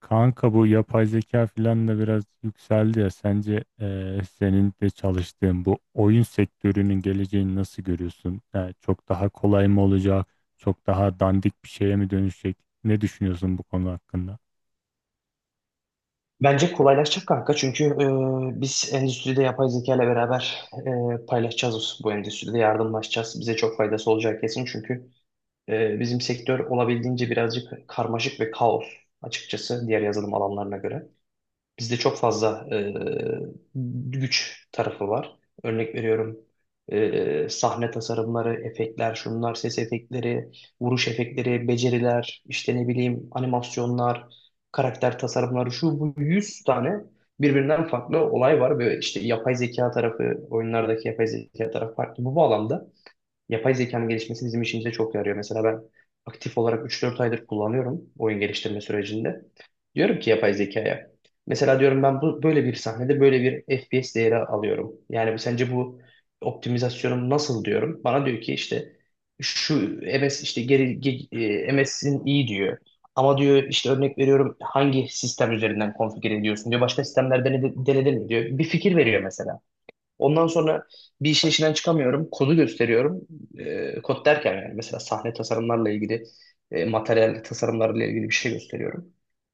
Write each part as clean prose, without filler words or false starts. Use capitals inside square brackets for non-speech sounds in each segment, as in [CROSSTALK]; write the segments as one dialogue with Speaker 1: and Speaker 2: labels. Speaker 1: Kanka bu yapay zeka filan da biraz yükseldi ya. Sence senin de çalıştığın bu oyun sektörünün geleceğini nasıl görüyorsun? Yani çok daha kolay mı olacak? Çok daha dandik bir şeye mi dönüşecek? Ne düşünüyorsun bu konu hakkında?
Speaker 2: Bence kolaylaşacak kanka çünkü biz endüstride yapay zeka ile beraber paylaşacağız bu endüstride yardımlaşacağız. Bize çok faydası olacak kesin çünkü bizim sektör olabildiğince birazcık karmaşık ve kaos açıkçası diğer yazılım alanlarına göre. Bizde çok fazla güç tarafı var. Örnek veriyorum sahne tasarımları, efektler, şunlar, ses efektleri, vuruş efektleri, beceriler, işte ne bileyim animasyonlar, karakter tasarımları, şu bu 100 tane birbirinden farklı olay var. Ve işte yapay zeka tarafı, oyunlardaki yapay zeka tarafı farklı. Bu bağlamda yapay zekanın gelişmesi bizim işimize çok yarıyor. Mesela ben aktif olarak üç dört aydır kullanıyorum oyun geliştirme sürecinde. Diyorum ki yapay zekaya. Mesela diyorum ben bu böyle bir sahnede böyle bir FPS değeri alıyorum. Yani sence bu optimizasyonum nasıl diyorum. Bana diyor ki işte şu MS işte MS'in iyi diyor. Ama diyor işte örnek veriyorum hangi sistem üzerinden konfigüre ediyorsun diyor. Başka sistemlerde denedin mi diyor. Bir fikir veriyor mesela. Ondan sonra bir işin içinden çıkamıyorum. Kodu gösteriyorum. Kod derken yani mesela sahne tasarımlarla ilgili, materyal tasarımlarla ilgili bir şey gösteriyorum.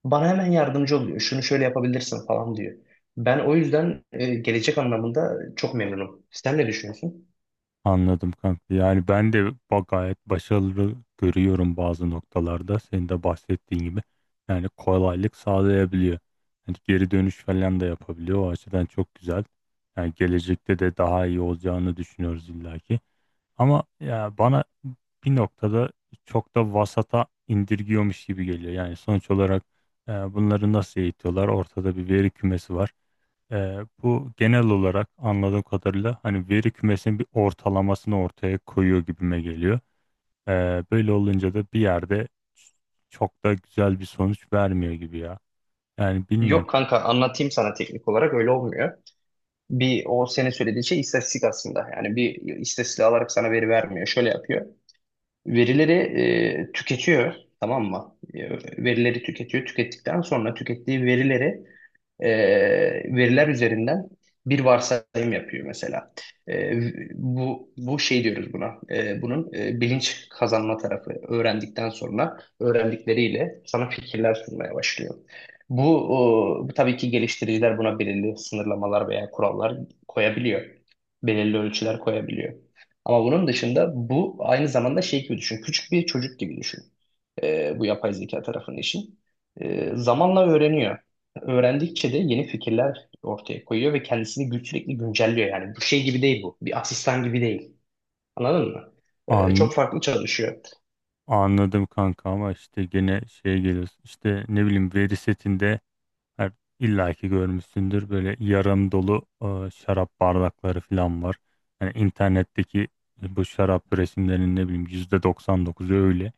Speaker 2: Bana hemen yardımcı oluyor. Şunu şöyle yapabilirsin falan diyor. Ben o yüzden gelecek anlamında çok memnunum. Sen ne düşünüyorsun?
Speaker 1: Anladım kanka. Yani ben de gayet başarılı görüyorum bazı noktalarda. Senin de bahsettiğin gibi. Yani kolaylık sağlayabiliyor. Yani geri dönüş falan da yapabiliyor. O açıdan çok güzel. Yani gelecekte de daha iyi olacağını düşünüyoruz illaki. Ama ya bana bir noktada çok da vasata indirgiyormuş gibi geliyor. Yani sonuç olarak bunları nasıl eğitiyorlar? Ortada bir veri kümesi var. E, Bu genel olarak anladığım kadarıyla hani veri kümesinin bir ortalamasını ortaya koyuyor gibime geliyor. E, Böyle olunca da bir yerde çok da güzel bir sonuç vermiyor gibi ya. Yani bilmiyorum.
Speaker 2: Yok kanka anlatayım sana teknik olarak öyle olmuyor. Bir o senin söylediğin şey istatistik aslında. Yani bir istatistik alarak sana veri vermiyor. Şöyle yapıyor. Verileri tüketiyor, tamam mı? Verileri tüketiyor. Tükettikten sonra tükettiği verileri e, veriler üzerinden bir varsayım yapıyor mesela. E, Bu bu şey diyoruz buna. Bunun bilinç kazanma tarafı öğrendikten sonra öğrendikleriyle sana fikirler sunmaya başlıyor. Bu, bu tabii ki geliştiriciler buna belirli sınırlamalar veya kurallar koyabiliyor. Belirli ölçüler koyabiliyor. Ama bunun dışında bu aynı zamanda şey gibi düşün. Küçük bir çocuk gibi düşün. Bu yapay zeka tarafının işi. Zamanla öğreniyor öğrendikçe de yeni fikirler ortaya koyuyor ve kendisini sürekli güncelliyor. Yani bu şey gibi değil bu. Bir asistan gibi değil. Anladın mı?
Speaker 1: An,
Speaker 2: Çok farklı çalışıyor.
Speaker 1: Anladım kanka ama işte gene şeye geliyoruz. İşte ne bileyim veri setinde Her, illa ki görmüşsündür böyle yarım dolu şarap bardakları falan var. Yani internetteki bu şarap resimlerinin ne bileyim %99'u öyle.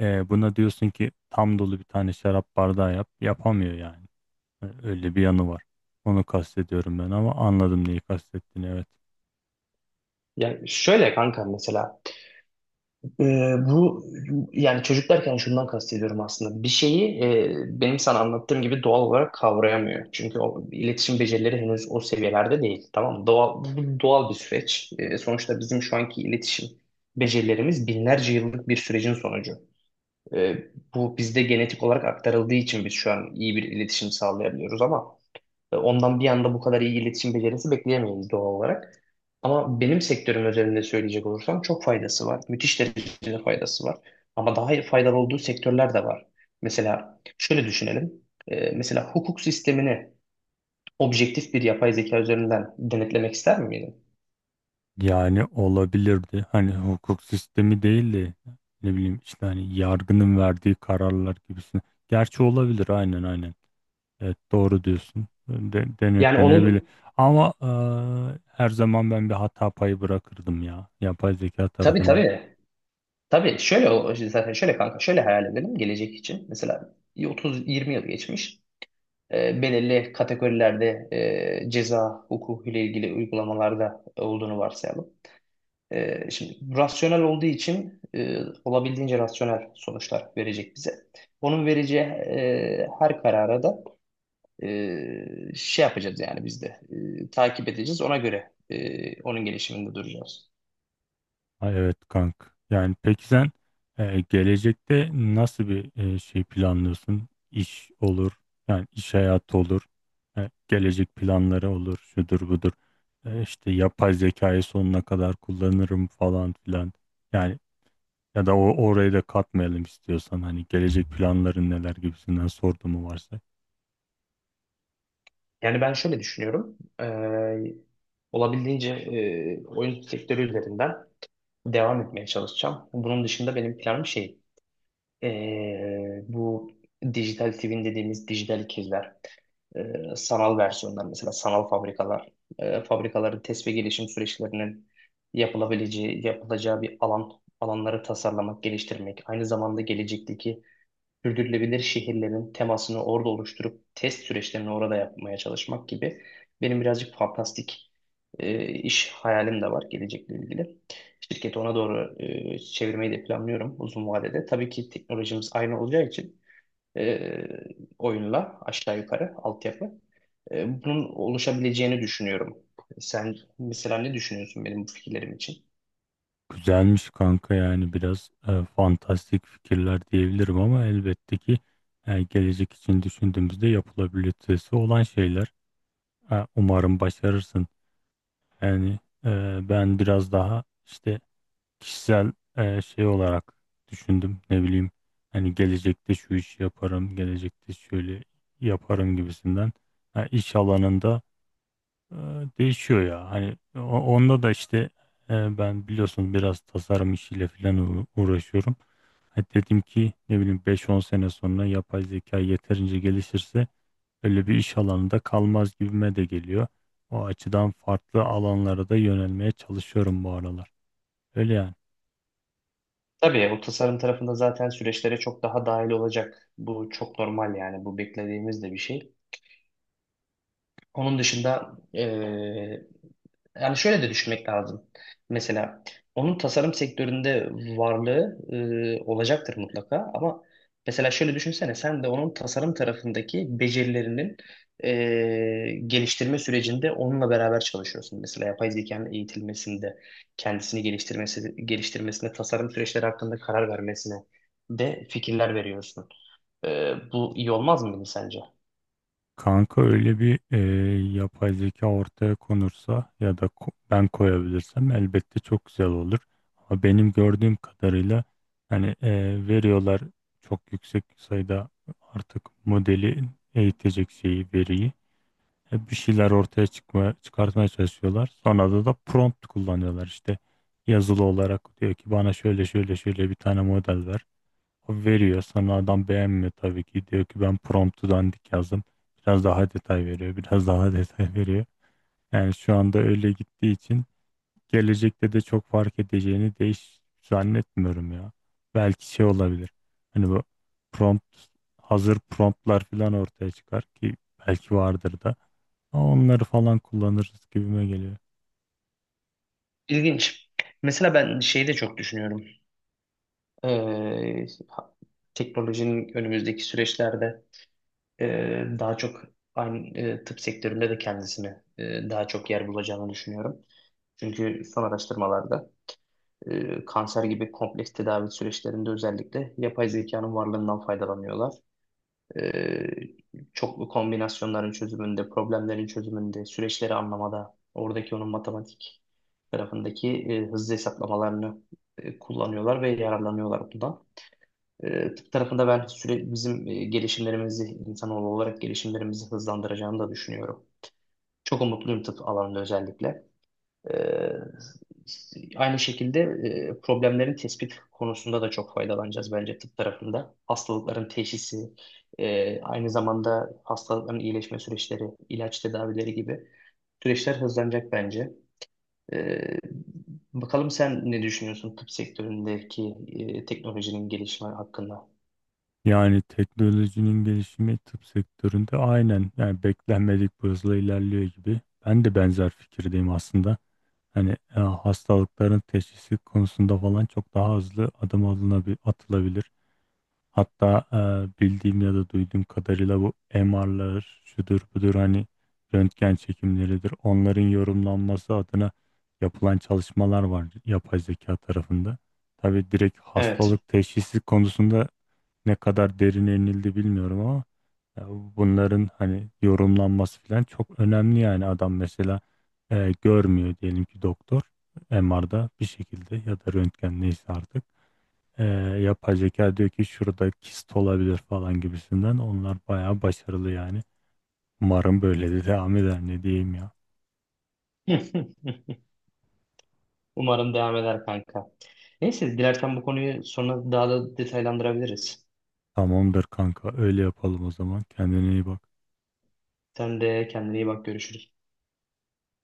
Speaker 1: Buna diyorsun ki tam dolu bir tane şarap bardağı yap. Yapamıyor yani. Öyle bir yanı var. Onu kastediyorum ben ama anladım neyi kastettiğini, evet.
Speaker 2: Yani şöyle kanka mesela e, bu yani çocuk derken şundan kastediyorum aslında. Bir şeyi benim sana anlattığım gibi doğal olarak kavrayamıyor. Çünkü o iletişim becerileri henüz o seviyelerde değil. Tamam mı? Doğal, bu doğal bir süreç. Sonuçta bizim şu anki iletişim becerilerimiz binlerce yıllık bir sürecin sonucu. E, Bu bizde genetik olarak aktarıldığı için biz şu an iyi bir iletişim sağlayabiliyoruz ama ondan bir anda bu kadar iyi iletişim becerisi bekleyemeyiz doğal olarak. Ama benim sektörüm özelinde söyleyecek olursam çok faydası var. Müthiş derecede faydası var. Ama daha faydalı olduğu sektörler de var. Mesela şöyle düşünelim. Mesela hukuk sistemini objektif bir yapay zeka üzerinden denetlemek ister miydin?
Speaker 1: Yani olabilirdi. Hani hukuk sistemi değil de ne bileyim işte hani yargının verdiği kararlar gibisine. Gerçi olabilir, aynen aynen. Evet, doğru diyorsun.
Speaker 2: Yani
Speaker 1: Denetlenebilir.
Speaker 2: onun
Speaker 1: Ama her zaman ben bir hata payı bırakırdım ya. Yapay zeka
Speaker 2: tabii,
Speaker 1: tarafına.
Speaker 2: tabii. Tabii şöyle zaten şöyle kanka şöyle hayal edelim gelecek için. Mesela 30-20 yıl geçmiş. Belirli kategorilerde ceza hukuku ile ilgili uygulamalarda olduğunu varsayalım. Şimdi rasyonel olduğu için olabildiğince rasyonel sonuçlar verecek bize. Onun vereceği her karara da şey yapacağız yani biz de takip edeceğiz. Ona göre onun gelişiminde duracağız.
Speaker 1: Ha, evet kank. Yani peki sen gelecekte nasıl bir şey planlıyorsun? İş olur. Yani iş hayatı olur. Gelecek planları olur. Şudur budur. İşte yapay zekayı sonuna kadar kullanırım falan filan. Yani ya da orayı da katmayalım istiyorsan. Hani gelecek planların neler gibisinden sorduğumu varsa.
Speaker 2: Yani ben şöyle düşünüyorum. Olabildiğince oyun sektörü üzerinden devam etmeye çalışacağım. Bunun dışında benim planım şey. Bu dijital twin dediğimiz dijital ikizler, sanal versiyonlar mesela sanal fabrikalar, fabrikaların test ve gelişim süreçlerinin yapılabileceği, yapılacağı bir alan, alanları tasarlamak, geliştirmek, aynı zamanda gelecekteki sürdürülebilir şehirlerin temasını orada oluşturup test süreçlerini orada yapmaya çalışmak gibi benim birazcık fantastik iş hayalim de var gelecekle ilgili. Şirketi ona doğru çevirmeyi de planlıyorum uzun vadede. Tabii ki teknolojimiz aynı olacağı için e, oyunla aşağı yukarı altyapı. Bunun oluşabileceğini düşünüyorum. Sen mesela ne düşünüyorsun benim bu fikirlerim için?
Speaker 1: Güzelmiş kanka, yani biraz fantastik fikirler diyebilirim ama elbette ki gelecek için düşündüğümüzde yapılabilitesi olan şeyler. Umarım başarırsın. Yani ben biraz daha işte kişisel şey olarak düşündüm. Ne bileyim hani gelecekte şu işi yaparım, gelecekte şöyle yaparım gibisinden. İş alanında e, değişiyor ya. Hani onda da işte ben biliyorsun biraz tasarım işiyle falan uğraşıyorum. Hani dedim ki ne bileyim beş on sene sonra yapay zeka yeterince gelişirse öyle bir iş alanında kalmaz gibime de geliyor. O açıdan farklı alanlara da yönelmeye çalışıyorum bu aralar. Öyle yani.
Speaker 2: Tabii o tasarım tarafında zaten süreçlere çok daha dahil olacak. Bu çok normal yani bu beklediğimiz de bir şey. Onun dışında yani şöyle de düşünmek lazım. Mesela onun tasarım sektöründe varlığı olacaktır mutlaka ama mesela şöyle düşünsene sen de onun tasarım tarafındaki becerilerinin geliştirme sürecinde onunla beraber çalışıyorsun. Mesela yapay zekanın eğitilmesinde, kendisini geliştirmesine, tasarım süreçleri hakkında karar vermesine de fikirler veriyorsun. Bu iyi olmaz mıydı sence?
Speaker 1: Kanka öyle bir yapay zeka ortaya konursa ya da ben koyabilirsem elbette çok güzel olur. Ama benim gördüğüm kadarıyla hani veriyorlar çok yüksek sayıda artık modeli eğitecek şeyi, veriyi. Bir şeyler ortaya çıkartmaya çalışıyorlar. Sonra da prompt kullanıyorlar işte, yazılı olarak diyor ki bana şöyle şöyle şöyle bir tane model ver. Veriyor, sana adam beğenmiyor tabii ki. Diyor ki ben promptu dandik yazdım. Biraz daha detay veriyor. Biraz daha [LAUGHS] detay veriyor. Yani şu anda öyle gittiği için gelecekte de çok fark edeceğini değiş zannetmiyorum ya. Belki şey olabilir. Hani bu prompt, hazır promptlar falan ortaya çıkar ki belki vardır da. Ama onları falan kullanırız gibime geliyor.
Speaker 2: İlginç. Mesela ben şeyi de çok düşünüyorum. Ee, Teknolojinin önümüzdeki süreçlerde daha çok aynı tıp sektöründe de kendisine daha çok yer bulacağını düşünüyorum. Çünkü son araştırmalarda kanser gibi kompleks tedavi süreçlerinde özellikle yapay zekanın varlığından faydalanıyorlar. E, Çoklu kombinasyonların çözümünde, problemlerin çözümünde, süreçleri anlamada, oradaki onun matematik tarafındaki hızlı hesaplamalarını kullanıyorlar ve yararlanıyorlar bundan. Tıp tarafında ben sürekli bizim gelişimlerimizi, insanoğlu olarak gelişimlerimizi hızlandıracağını da düşünüyorum. Çok umutluyum tıp alanında özellikle. E, Aynı şekilde problemlerin tespit konusunda da çok faydalanacağız bence tıp tarafında. Hastalıkların teşhisi, aynı zamanda hastalıkların iyileşme süreçleri, ilaç tedavileri gibi süreçler hızlanacak bence. E, Bakalım sen ne düşünüyorsun tıp sektöründeki teknolojinin gelişme hakkında?
Speaker 1: Yani teknolojinin gelişimi tıp sektöründe, aynen, yani beklenmedik bir hızla ilerliyor gibi. Ben de benzer fikirdeyim aslında. Hani hastalıkların teşhisi konusunda falan çok daha hızlı adım atılabilir. Hatta bildiğim ya da duyduğum kadarıyla bu MR'lar şudur budur, hani röntgen çekimleridir. Onların yorumlanması adına yapılan çalışmalar var yapay zeka tarafında. Tabii direkt
Speaker 2: Evet.
Speaker 1: hastalık teşhisi konusunda ne kadar derine inildi bilmiyorum ama ya bunların hani yorumlanması falan çok önemli. Yani adam mesela görmüyor diyelim ki doktor, MR'da bir şekilde ya da röntgen neyse artık, e, yapay zeka diyor ki şurada kist olabilir falan gibisinden, onlar bayağı başarılı yani. Umarım böyle de devam eder, ne diyeyim ya.
Speaker 2: [LAUGHS] Umarım devam eder kanka. Neyse dilersen bu konuyu sonra daha da detaylandırabiliriz.
Speaker 1: Tamamdır kanka, öyle yapalım o zaman. Kendine iyi bak.
Speaker 2: Sen de kendine iyi bak, görüşürüz.